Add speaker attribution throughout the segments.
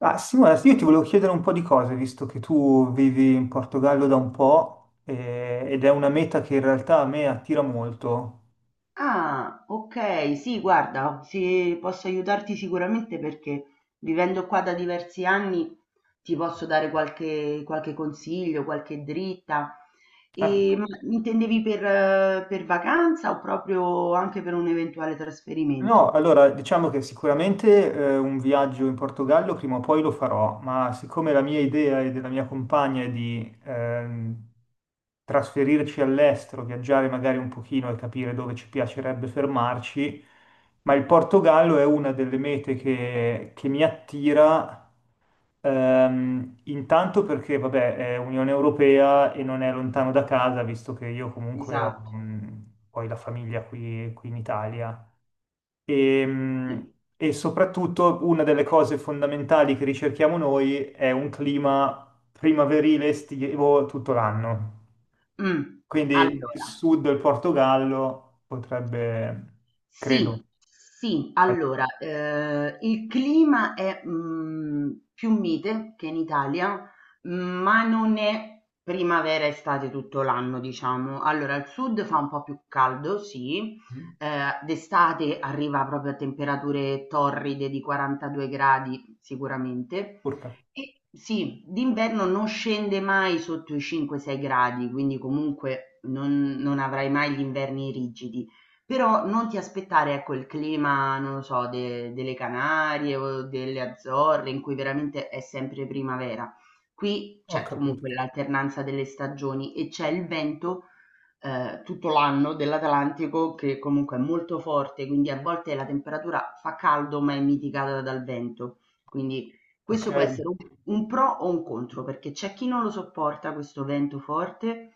Speaker 1: Ah, Simona, io ti volevo chiedere un po' di cose, visto che tu vivi in Portogallo da un po', ed è una meta che in realtà a me attira molto.
Speaker 2: Ah, ok, sì, guarda, sì, posso aiutarti sicuramente perché vivendo qua da diversi anni ti posso dare qualche consiglio, qualche dritta.
Speaker 1: Eh,
Speaker 2: E, ma intendevi per vacanza o proprio anche per un eventuale
Speaker 1: No,
Speaker 2: trasferimento?
Speaker 1: allora diciamo che sicuramente un viaggio in Portogallo prima o poi lo farò, ma siccome la mia idea e della mia compagna è di trasferirci all'estero, viaggiare magari un pochino e capire dove ci piacerebbe fermarci, ma il Portogallo è una delle mete che mi attira, intanto perché vabbè è Unione Europea e non è lontano da casa, visto che io comunque ho
Speaker 2: Esatto.
Speaker 1: mm, poi la famiglia qui in Italia. E, mh,
Speaker 2: Sì.
Speaker 1: e soprattutto una delle cose fondamentali che ricerchiamo noi è un clima primaverile estivo tutto l'anno.
Speaker 2: Mm,
Speaker 1: Quindi il
Speaker 2: Allora.
Speaker 1: sud del Portogallo potrebbe, credo.
Speaker 2: Sì, sì, allora, il clima è, più mite che in Italia, ma non è primavera, e estate tutto l'anno, diciamo. Allora, al sud fa un po' più caldo, sì,
Speaker 1: Mm?
Speaker 2: d'estate arriva proprio a temperature torride di 42 gradi sicuramente,
Speaker 1: Urca.
Speaker 2: e sì, d'inverno non scende mai sotto i 5, 6 gradi, quindi comunque non avrai mai gli inverni rigidi. Però non ti aspettare, ecco, il clima, non lo so, de delle Canarie o delle Azzorre in cui veramente è sempre primavera. Qui
Speaker 1: Ho
Speaker 2: c'è comunque
Speaker 1: capito.
Speaker 2: l'alternanza delle stagioni e c'è il vento, tutto l'anno dell'Atlantico che comunque è molto forte, quindi a volte la temperatura fa caldo, ma è mitigata dal vento. Quindi questo può
Speaker 1: Ok.
Speaker 2: essere un pro o un contro, perché c'è chi non lo sopporta questo vento forte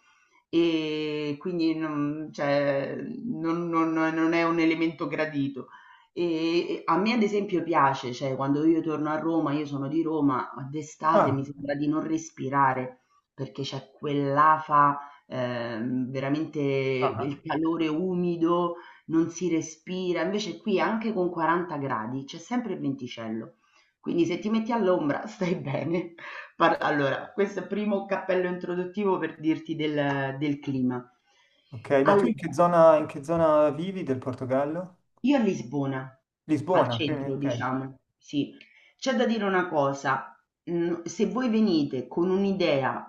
Speaker 2: e quindi non, cioè, non è un elemento gradito. E a me ad esempio piace, cioè quando io torno a Roma, io sono di Roma, ma d'estate
Speaker 1: Ah.
Speaker 2: mi sembra di non respirare perché c'è quell'afa, veramente il
Speaker 1: Ah.
Speaker 2: calore umido, non si respira. Invece qui anche con 40 gradi c'è sempre il venticello. Quindi se ti metti all'ombra stai bene. Questo è il primo cappello introduttivo per dirti del clima.
Speaker 1: Ok, ma tu
Speaker 2: Allora,
Speaker 1: in che zona vivi del Portogallo?
Speaker 2: io a Lisbona, al
Speaker 1: Lisbona, quindi,
Speaker 2: centro,
Speaker 1: ok.
Speaker 2: diciamo, sì, c'è da dire una cosa. Se voi venite con un'idea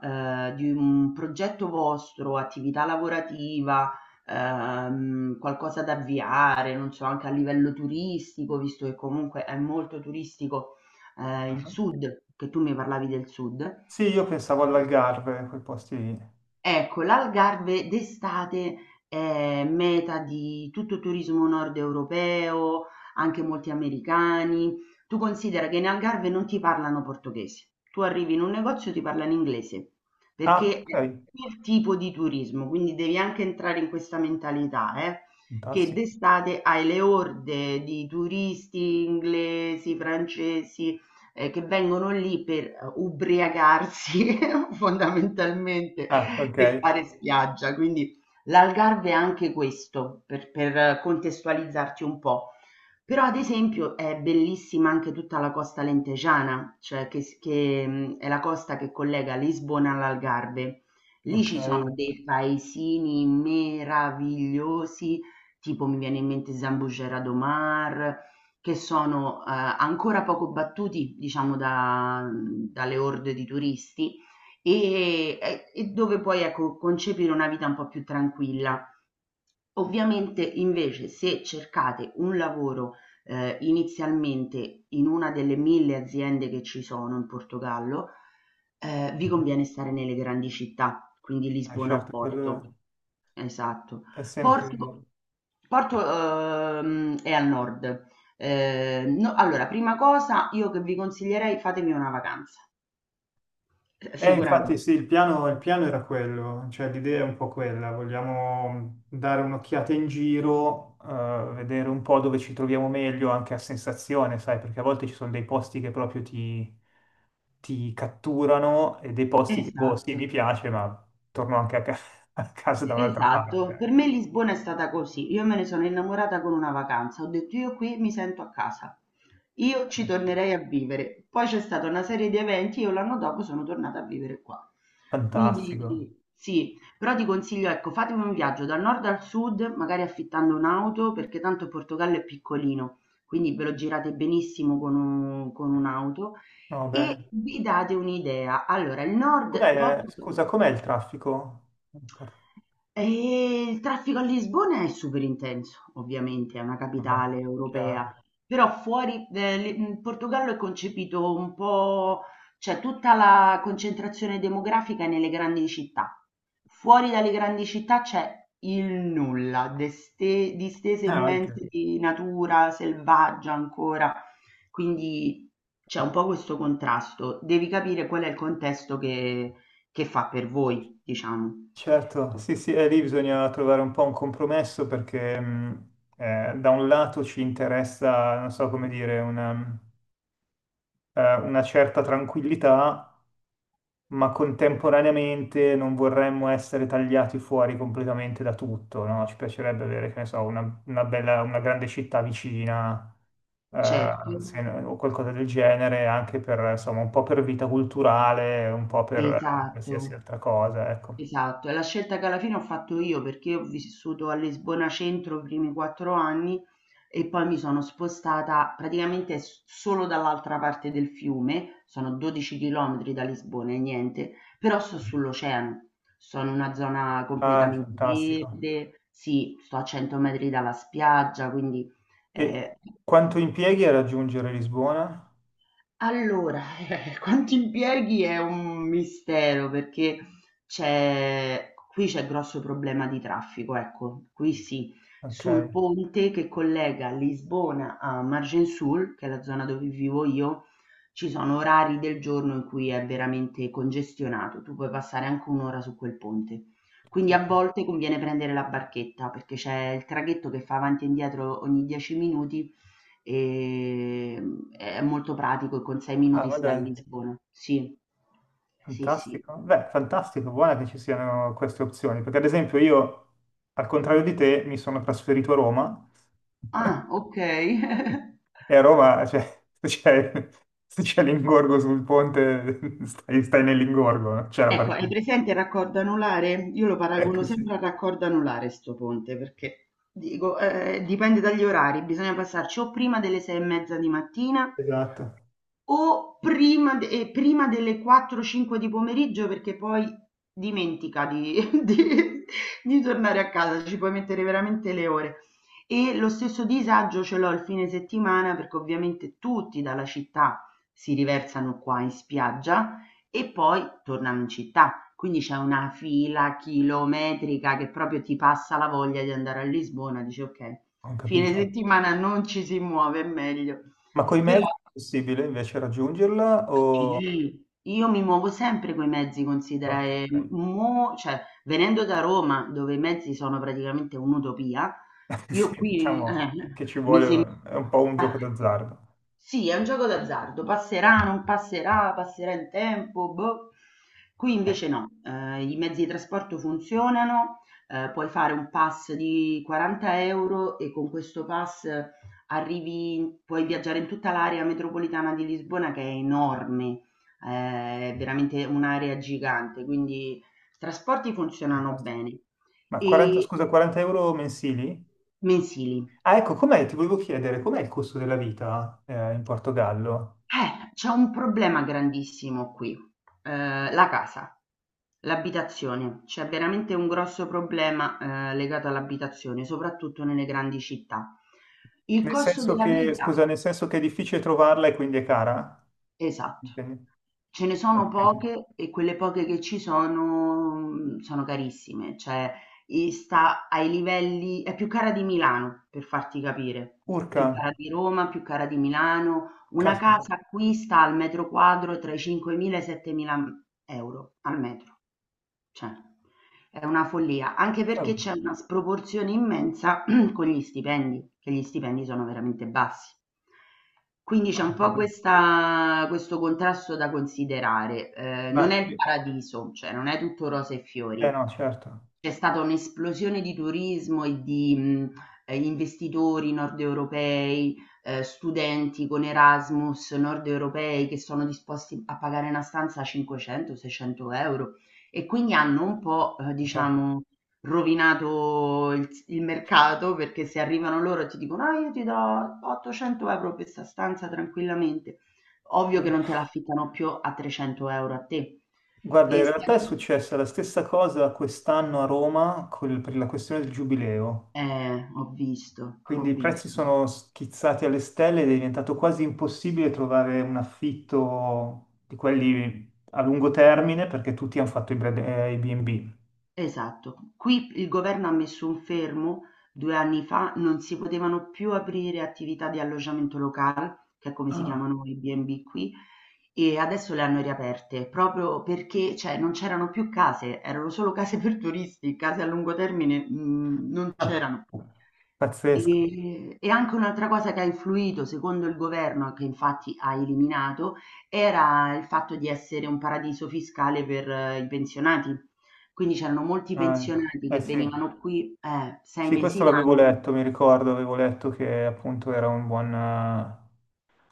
Speaker 2: di un progetto vostro, attività lavorativa, qualcosa da avviare, non so, anche a livello turistico, visto che comunque è molto turistico il
Speaker 1: Ah.
Speaker 2: sud, che tu mi parlavi del sud.
Speaker 1: Sì, io pensavo all'Algarve, quei posti lì.
Speaker 2: Ecco, l'Algarve d'estate è meta di tutto turismo nord europeo, anche molti americani. Tu considera che in Algarve non ti parlano portoghese. Tu arrivi in un negozio e ti parlano inglese,
Speaker 1: Ah,
Speaker 2: perché è
Speaker 1: ok,
Speaker 2: quel tipo di turismo, quindi devi anche entrare in questa mentalità, che
Speaker 1: fantastico.
Speaker 2: d'estate hai le orde di turisti inglesi, francesi, che vengono lì per ubriacarsi fondamentalmente
Speaker 1: Ah, ok.
Speaker 2: e fare spiaggia. Quindi l'Algarve è anche questo, per, contestualizzarti un po'. Però ad esempio è bellissima anche tutta la costa lentejana, cioè che, è la costa che collega Lisbona all'Algarve. Lì
Speaker 1: Ok,
Speaker 2: ci sono dei paesini meravigliosi, tipo mi viene in mente Zambujeira do Mar, che sono, ancora poco battuti, diciamo, dalle orde di turisti e dove puoi, ecco, concepire una vita un po' più tranquilla. Ovviamente, invece, se cercate un lavoro, inizialmente in una delle 1000 aziende che ci sono in Portogallo, vi
Speaker 1: mhm.
Speaker 2: conviene stare nelle grandi città, quindi Lisbona o
Speaker 1: Certo,
Speaker 2: Porto.
Speaker 1: quello
Speaker 2: Esatto.
Speaker 1: è sempre...
Speaker 2: Porto Porto è al nord. No allora, prima cosa io che vi consiglierei fatemi una vacanza,
Speaker 1: Infatti
Speaker 2: sicuramente.
Speaker 1: sì, il piano era quello, cioè l'idea è un po' quella, vogliamo dare un'occhiata in giro, vedere un po' dove ci troviamo meglio anche a sensazione, sai, perché a volte ci sono dei posti che proprio ti, ti catturano e dei posti che, boh, sì,
Speaker 2: Esatto.
Speaker 1: mi piace, ma torno anche a, a casa da un'altra parte,
Speaker 2: Esatto, per
Speaker 1: ecco.
Speaker 2: me Lisbona è stata così. Io me ne sono innamorata con una vacanza, ho detto io qui mi sento a casa, io ci tornerei a vivere. Poi c'è stata una serie di eventi, io l'anno dopo sono tornata a vivere qua.
Speaker 1: Fantastico,
Speaker 2: Quindi sì, però ti consiglio, ecco, fatemi un viaggio dal nord al sud, magari affittando un'auto, perché tanto il Portogallo è piccolino, quindi ve lo girate benissimo con un'auto
Speaker 1: va bene.
Speaker 2: e vi date un'idea. Allora, il nord
Speaker 1: Com'è,
Speaker 2: Porto.
Speaker 1: scusa, com'è il traffico?
Speaker 2: Il traffico a Lisbona è super intenso, ovviamente, è una
Speaker 1: Vabbè,
Speaker 2: capitale europea,
Speaker 1: chiaro.
Speaker 2: però fuori Portogallo è concepito un po' cioè tutta la concentrazione demografica è nelle grandi città. Fuori dalle grandi città c'è il nulla, deste distese
Speaker 1: Anche.
Speaker 2: immense di natura selvaggia ancora, quindi c'è un po' questo contrasto. Devi capire qual è il contesto che fa per voi, diciamo.
Speaker 1: Certo, sì, sì, e lì bisogna trovare un po' un compromesso perché da un lato ci interessa, non so come dire, una certa tranquillità, ma contemporaneamente non vorremmo essere tagliati fuori completamente da tutto, no? Ci piacerebbe avere, che ne so, una bella, una grande città vicina, eh,
Speaker 2: Certo,
Speaker 1: no, o qualcosa del genere, anche per, insomma, un po' per vita culturale, un po' per qualsiasi
Speaker 2: esatto,
Speaker 1: altra cosa, ecco.
Speaker 2: esatto. È la scelta che alla fine ho fatto io perché ho vissuto a Lisbona Centro i primi 4 anni e poi mi sono spostata praticamente solo dall'altra parte del fiume, sono 12 chilometri da Lisbona e niente, però sto sull'oceano, sono in una zona
Speaker 1: Ah,
Speaker 2: completamente
Speaker 1: fantastico.
Speaker 2: verde, sì, sto a 100 metri dalla spiaggia, quindi
Speaker 1: E
Speaker 2: eh,
Speaker 1: quanto impieghi a raggiungere Lisbona?
Speaker 2: allora, quanti impieghi è un mistero perché c'è qui c'è grosso problema di traffico, ecco, qui sì,
Speaker 1: Ok.
Speaker 2: sul ponte che collega Lisbona a Argençoul, che è la zona dove vivo io, ci sono orari del giorno in cui è veramente congestionato, tu puoi passare anche un'ora su quel ponte.
Speaker 1: Sì.
Speaker 2: Quindi a volte conviene prendere la barchetta perché c'è il traghetto che fa avanti e indietro ogni 10 minuti. È molto pratico e con 6
Speaker 1: Ah,
Speaker 2: minuti
Speaker 1: ma
Speaker 2: stai a
Speaker 1: dai,
Speaker 2: Lisbona. Sì. Sì, sì.
Speaker 1: fantastico. Beh, fantastico, buona che ci siano queste opzioni, perché ad esempio io, al contrario di te, mi sono trasferito a Roma
Speaker 2: Ah, okay.
Speaker 1: e a Roma, cioè, se c'è se c'è l'ingorgo sul ponte, stai, stai nell'ingorgo, non c'è la
Speaker 2: Ecco, hai
Speaker 1: parcheggia.
Speaker 2: presente il raccordo anulare? Io lo paragono
Speaker 1: Ecco sì,
Speaker 2: sempre al raccordo anulare 'sto ponte, perché dico, dipende dagli orari, bisogna passarci o prima delle 6 e mezza di mattina
Speaker 1: esatto,
Speaker 2: o prima d prima delle 4, 5 di pomeriggio perché poi dimentica di di tornare a casa, ci puoi mettere veramente le ore. E lo stesso disagio ce l'ho il fine settimana perché ovviamente tutti dalla città si riversano qua in spiaggia e poi tornano in città. Quindi c'è una fila chilometrica che proprio ti passa la voglia di andare a Lisbona, dici: "Okay,
Speaker 1: ho
Speaker 2: fine
Speaker 1: capito.
Speaker 2: settimana non ci si muove, è meglio."
Speaker 1: Ma coi
Speaker 2: Però
Speaker 1: mezzi è possibile invece raggiungerla o...
Speaker 2: sì, io mi muovo sempre coi mezzi, considera, e
Speaker 1: Ok.
Speaker 2: mo cioè venendo da Roma, dove i mezzi sono praticamente un'utopia, io
Speaker 1: Sì,
Speaker 2: qui
Speaker 1: diciamo che ci
Speaker 2: mi sembra.
Speaker 1: vuole, è un po' un gioco d'azzardo.
Speaker 2: Sì, è un gioco d'azzardo, passerà, non passerà, passerà il tempo, boh. Qui
Speaker 1: Eh,
Speaker 2: invece no, i mezzi di trasporto funzionano, puoi fare un pass di 40 euro e con questo pass arrivi puoi viaggiare in tutta l'area metropolitana di Lisbona che è enorme, è veramente un'area gigante, quindi i trasporti funzionano
Speaker 1: fantastico.
Speaker 2: bene.
Speaker 1: Ma 40,
Speaker 2: E
Speaker 1: scusa, 40 euro mensili?
Speaker 2: mensili.
Speaker 1: Ah, ecco, com'è? Ti volevo chiedere, com'è il costo della vita in Portogallo?
Speaker 2: C'è un problema grandissimo qui, la casa, l'abitazione. C'è veramente un grosso problema, legato all'abitazione, soprattutto nelle grandi città. Il
Speaker 1: Nel
Speaker 2: costo
Speaker 1: senso
Speaker 2: della
Speaker 1: che,
Speaker 2: vita,
Speaker 1: scusa, nel senso che è difficile trovarla e quindi è cara?
Speaker 2: esatto.
Speaker 1: Intendi?
Speaker 2: Ce ne
Speaker 1: Ho
Speaker 2: sono
Speaker 1: capito.
Speaker 2: poche e quelle poche che ci sono, sono carissime, cioè e sta ai livelli è più cara di Milano, per farti capire,
Speaker 1: Urca,
Speaker 2: più cara di Roma, più cara di Milano. Una
Speaker 1: caspita,
Speaker 2: casa qui sta al metro quadro tra i 5.000 e i 7.000 euro al metro. Cioè, è una follia, anche perché
Speaker 1: cavolo,
Speaker 2: c'è una sproporzione immensa con gli stipendi, che gli stipendi sono veramente bassi. Quindi
Speaker 1: ho
Speaker 2: c'è un po'
Speaker 1: capito.
Speaker 2: questo contrasto da considerare. Non
Speaker 1: Ma,
Speaker 2: è il
Speaker 1: eh
Speaker 2: paradiso, cioè non è tutto rose e fiori,
Speaker 1: no, certo,
Speaker 2: c'è stata un'esplosione di turismo e di, investitori nordeuropei, studenti con Erasmus nordeuropei che sono disposti a pagare una stanza 500, 600 €, e quindi hanno un po',
Speaker 1: certo.
Speaker 2: diciamo, rovinato il mercato, perché se arrivano loro e ti dicono: "Ah, io ti do 800 € per 'sta stanza tranquillamente", ovvio che non
Speaker 1: Eh.
Speaker 2: te la affittano più a 300 € a te.
Speaker 1: Guarda, in
Speaker 2: E se.
Speaker 1: realtà è successa la stessa cosa quest'anno a Roma per la questione del giubileo.
Speaker 2: Ho visto, ho
Speaker 1: Quindi i prezzi
Speaker 2: visto.
Speaker 1: sono schizzati alle stelle ed è diventato quasi impossibile trovare un affitto di quelli a lungo termine perché tutti hanno fatto i i B&B.
Speaker 2: Esatto, qui il governo ha messo un fermo, 2 anni fa non si potevano più aprire attività di alloggiamento locale, che è come si
Speaker 1: Ah,
Speaker 2: chiamano i B&B qui, e adesso le hanno riaperte proprio perché, cioè, non c'erano più case, erano solo case per turisti, case a lungo termine, non
Speaker 1: ah,
Speaker 2: c'erano.
Speaker 1: pazzesco.
Speaker 2: E anche un'altra cosa che ha influito, secondo il governo, che infatti ha eliminato, era il fatto di essere un paradiso fiscale per i pensionati. Quindi c'erano molti
Speaker 1: Ah, ecco.
Speaker 2: pensionati
Speaker 1: Eh
Speaker 2: che
Speaker 1: sì.
Speaker 2: venivano qui, 6
Speaker 1: Sì,
Speaker 2: mesi
Speaker 1: questo l'avevo
Speaker 2: l'anno.
Speaker 1: letto, mi ricordo, avevo letto che appunto era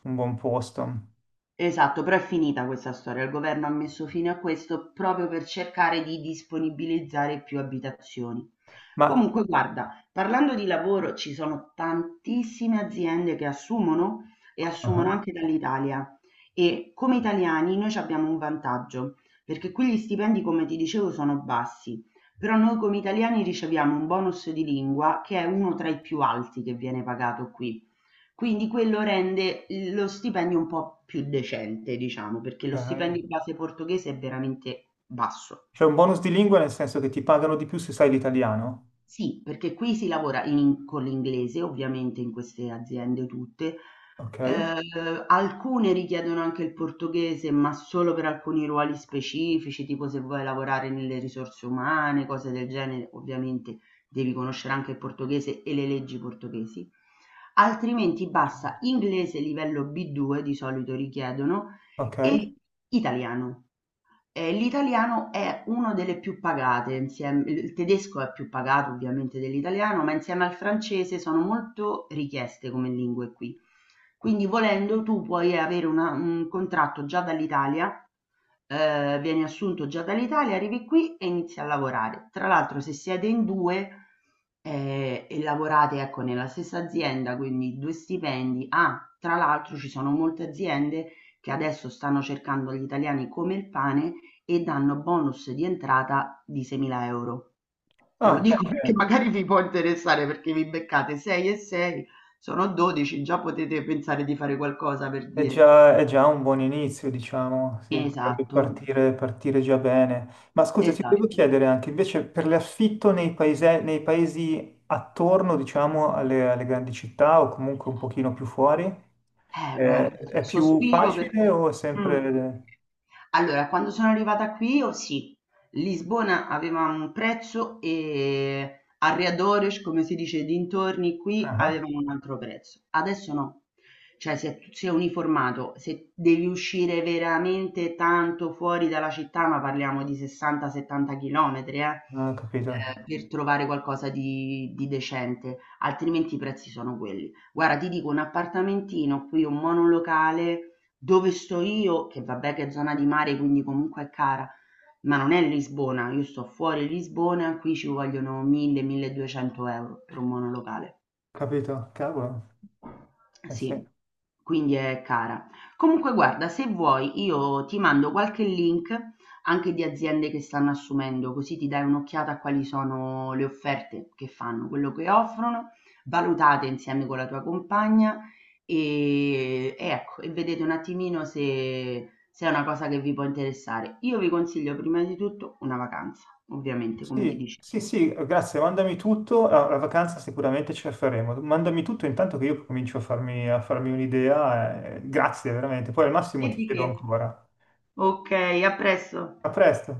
Speaker 1: un buon posto.
Speaker 2: Esatto, però è finita questa storia. Il governo ha messo fine a questo proprio per cercare di disponibilizzare più abitazioni.
Speaker 1: Ma
Speaker 2: Comunque, guarda, parlando di lavoro, ci sono tantissime aziende che assumono e assumono
Speaker 1: ah,
Speaker 2: anche dall'Italia. E come italiani noi ci abbiamo un vantaggio, perché qui gli stipendi, come ti dicevo, sono bassi, però noi come italiani riceviamo un bonus di lingua che è uno tra i più alti che viene pagato qui. Quindi quello rende lo stipendio un po' più decente, diciamo, perché lo
Speaker 1: ok.
Speaker 2: stipendio in base portoghese è veramente basso.
Speaker 1: C'è un bonus di lingua nel senso che ti pagano di più se sai l'italiano?
Speaker 2: Sì, perché qui si lavora in con l'inglese, ovviamente in queste aziende tutte.
Speaker 1: Ok,
Speaker 2: Alcune richiedono anche il portoghese, ma solo per alcuni ruoli specifici, tipo se vuoi lavorare nelle risorse umane, cose del genere, ovviamente devi conoscere anche il portoghese e le leggi portoghesi. Altrimenti basta inglese livello B2 di solito richiedono
Speaker 1: ok.
Speaker 2: e italiano. L'italiano è uno delle più pagate insiem il tedesco è più pagato ovviamente dell'italiano, ma insieme al francese sono molto richieste come lingue qui. Quindi volendo tu puoi avere una un contratto già dall'Italia, vieni assunto già dall'Italia, arrivi qui e inizi a lavorare. Tra l'altro se siete in 2, e lavorate ecco nella stessa azienda, quindi 2 stipendi tra l'altro ci sono molte aziende che adesso stanno cercando gli italiani come il pane e danno bonus di entrata di 6.000 euro. Te lo
Speaker 1: Ah,
Speaker 2: dico perché
Speaker 1: beh,
Speaker 2: magari vi può interessare perché vi beccate 6 e 6, sono 12, già potete pensare di fare qualcosa per
Speaker 1: è
Speaker 2: dire.
Speaker 1: già, è già un buon inizio, diciamo, sì, potrebbe
Speaker 2: Esatto,
Speaker 1: partire, partire già bene. Ma scusa, ti volevo
Speaker 2: esatto.
Speaker 1: chiedere anche invece per l'affitto nei paesi attorno, diciamo, alle, alle grandi città o comunque un pochino più fuori,
Speaker 2: Guarda,
Speaker 1: è più
Speaker 2: sospiro
Speaker 1: facile
Speaker 2: perché
Speaker 1: o è
Speaker 2: mh.
Speaker 1: sempre...
Speaker 2: Allora, quando sono arrivata qui, oh sì, Lisbona aveva un prezzo e Arredores, come si dice, dintorni qui
Speaker 1: Ah,
Speaker 2: avevano un altro prezzo. Adesso no, cioè si è uniformato. Se devi uscire veramente tanto fuori dalla città, ma parliamo di 60-70 chilometri,
Speaker 1: ah, ah, capito,
Speaker 2: per trovare qualcosa di decente, altrimenti i prezzi sono quelli. Guarda, ti dico un appartamentino qui, un monolocale dove sto io, che vabbè che è zona di mare, quindi comunque è cara, ma non è Lisbona, io sto fuori Lisbona, qui ci vogliono 1000-1200 euro per un monolocale.
Speaker 1: capito, cavolo, eh sì.
Speaker 2: Sì, quindi è cara. Comunque guarda, se vuoi io ti mando qualche link anche di aziende che stanno assumendo, così ti dai un'occhiata a quali sono le offerte che fanno, quello che offrono, valutate insieme con la tua compagna e ecco, vedete un attimino se, è una cosa che vi può interessare. Io vi consiglio prima di tutto una vacanza, ovviamente, come ti
Speaker 1: Sì,
Speaker 2: dicevo.
Speaker 1: sì, sì, grazie, mandami tutto, la, la vacanza sicuramente ce la faremo, mandami tutto intanto che io comincio a farmi un'idea, grazie veramente, poi al
Speaker 2: E
Speaker 1: massimo ti
Speaker 2: di
Speaker 1: chiedo
Speaker 2: che?
Speaker 1: ancora.
Speaker 2: Ok, a presto.
Speaker 1: A presto.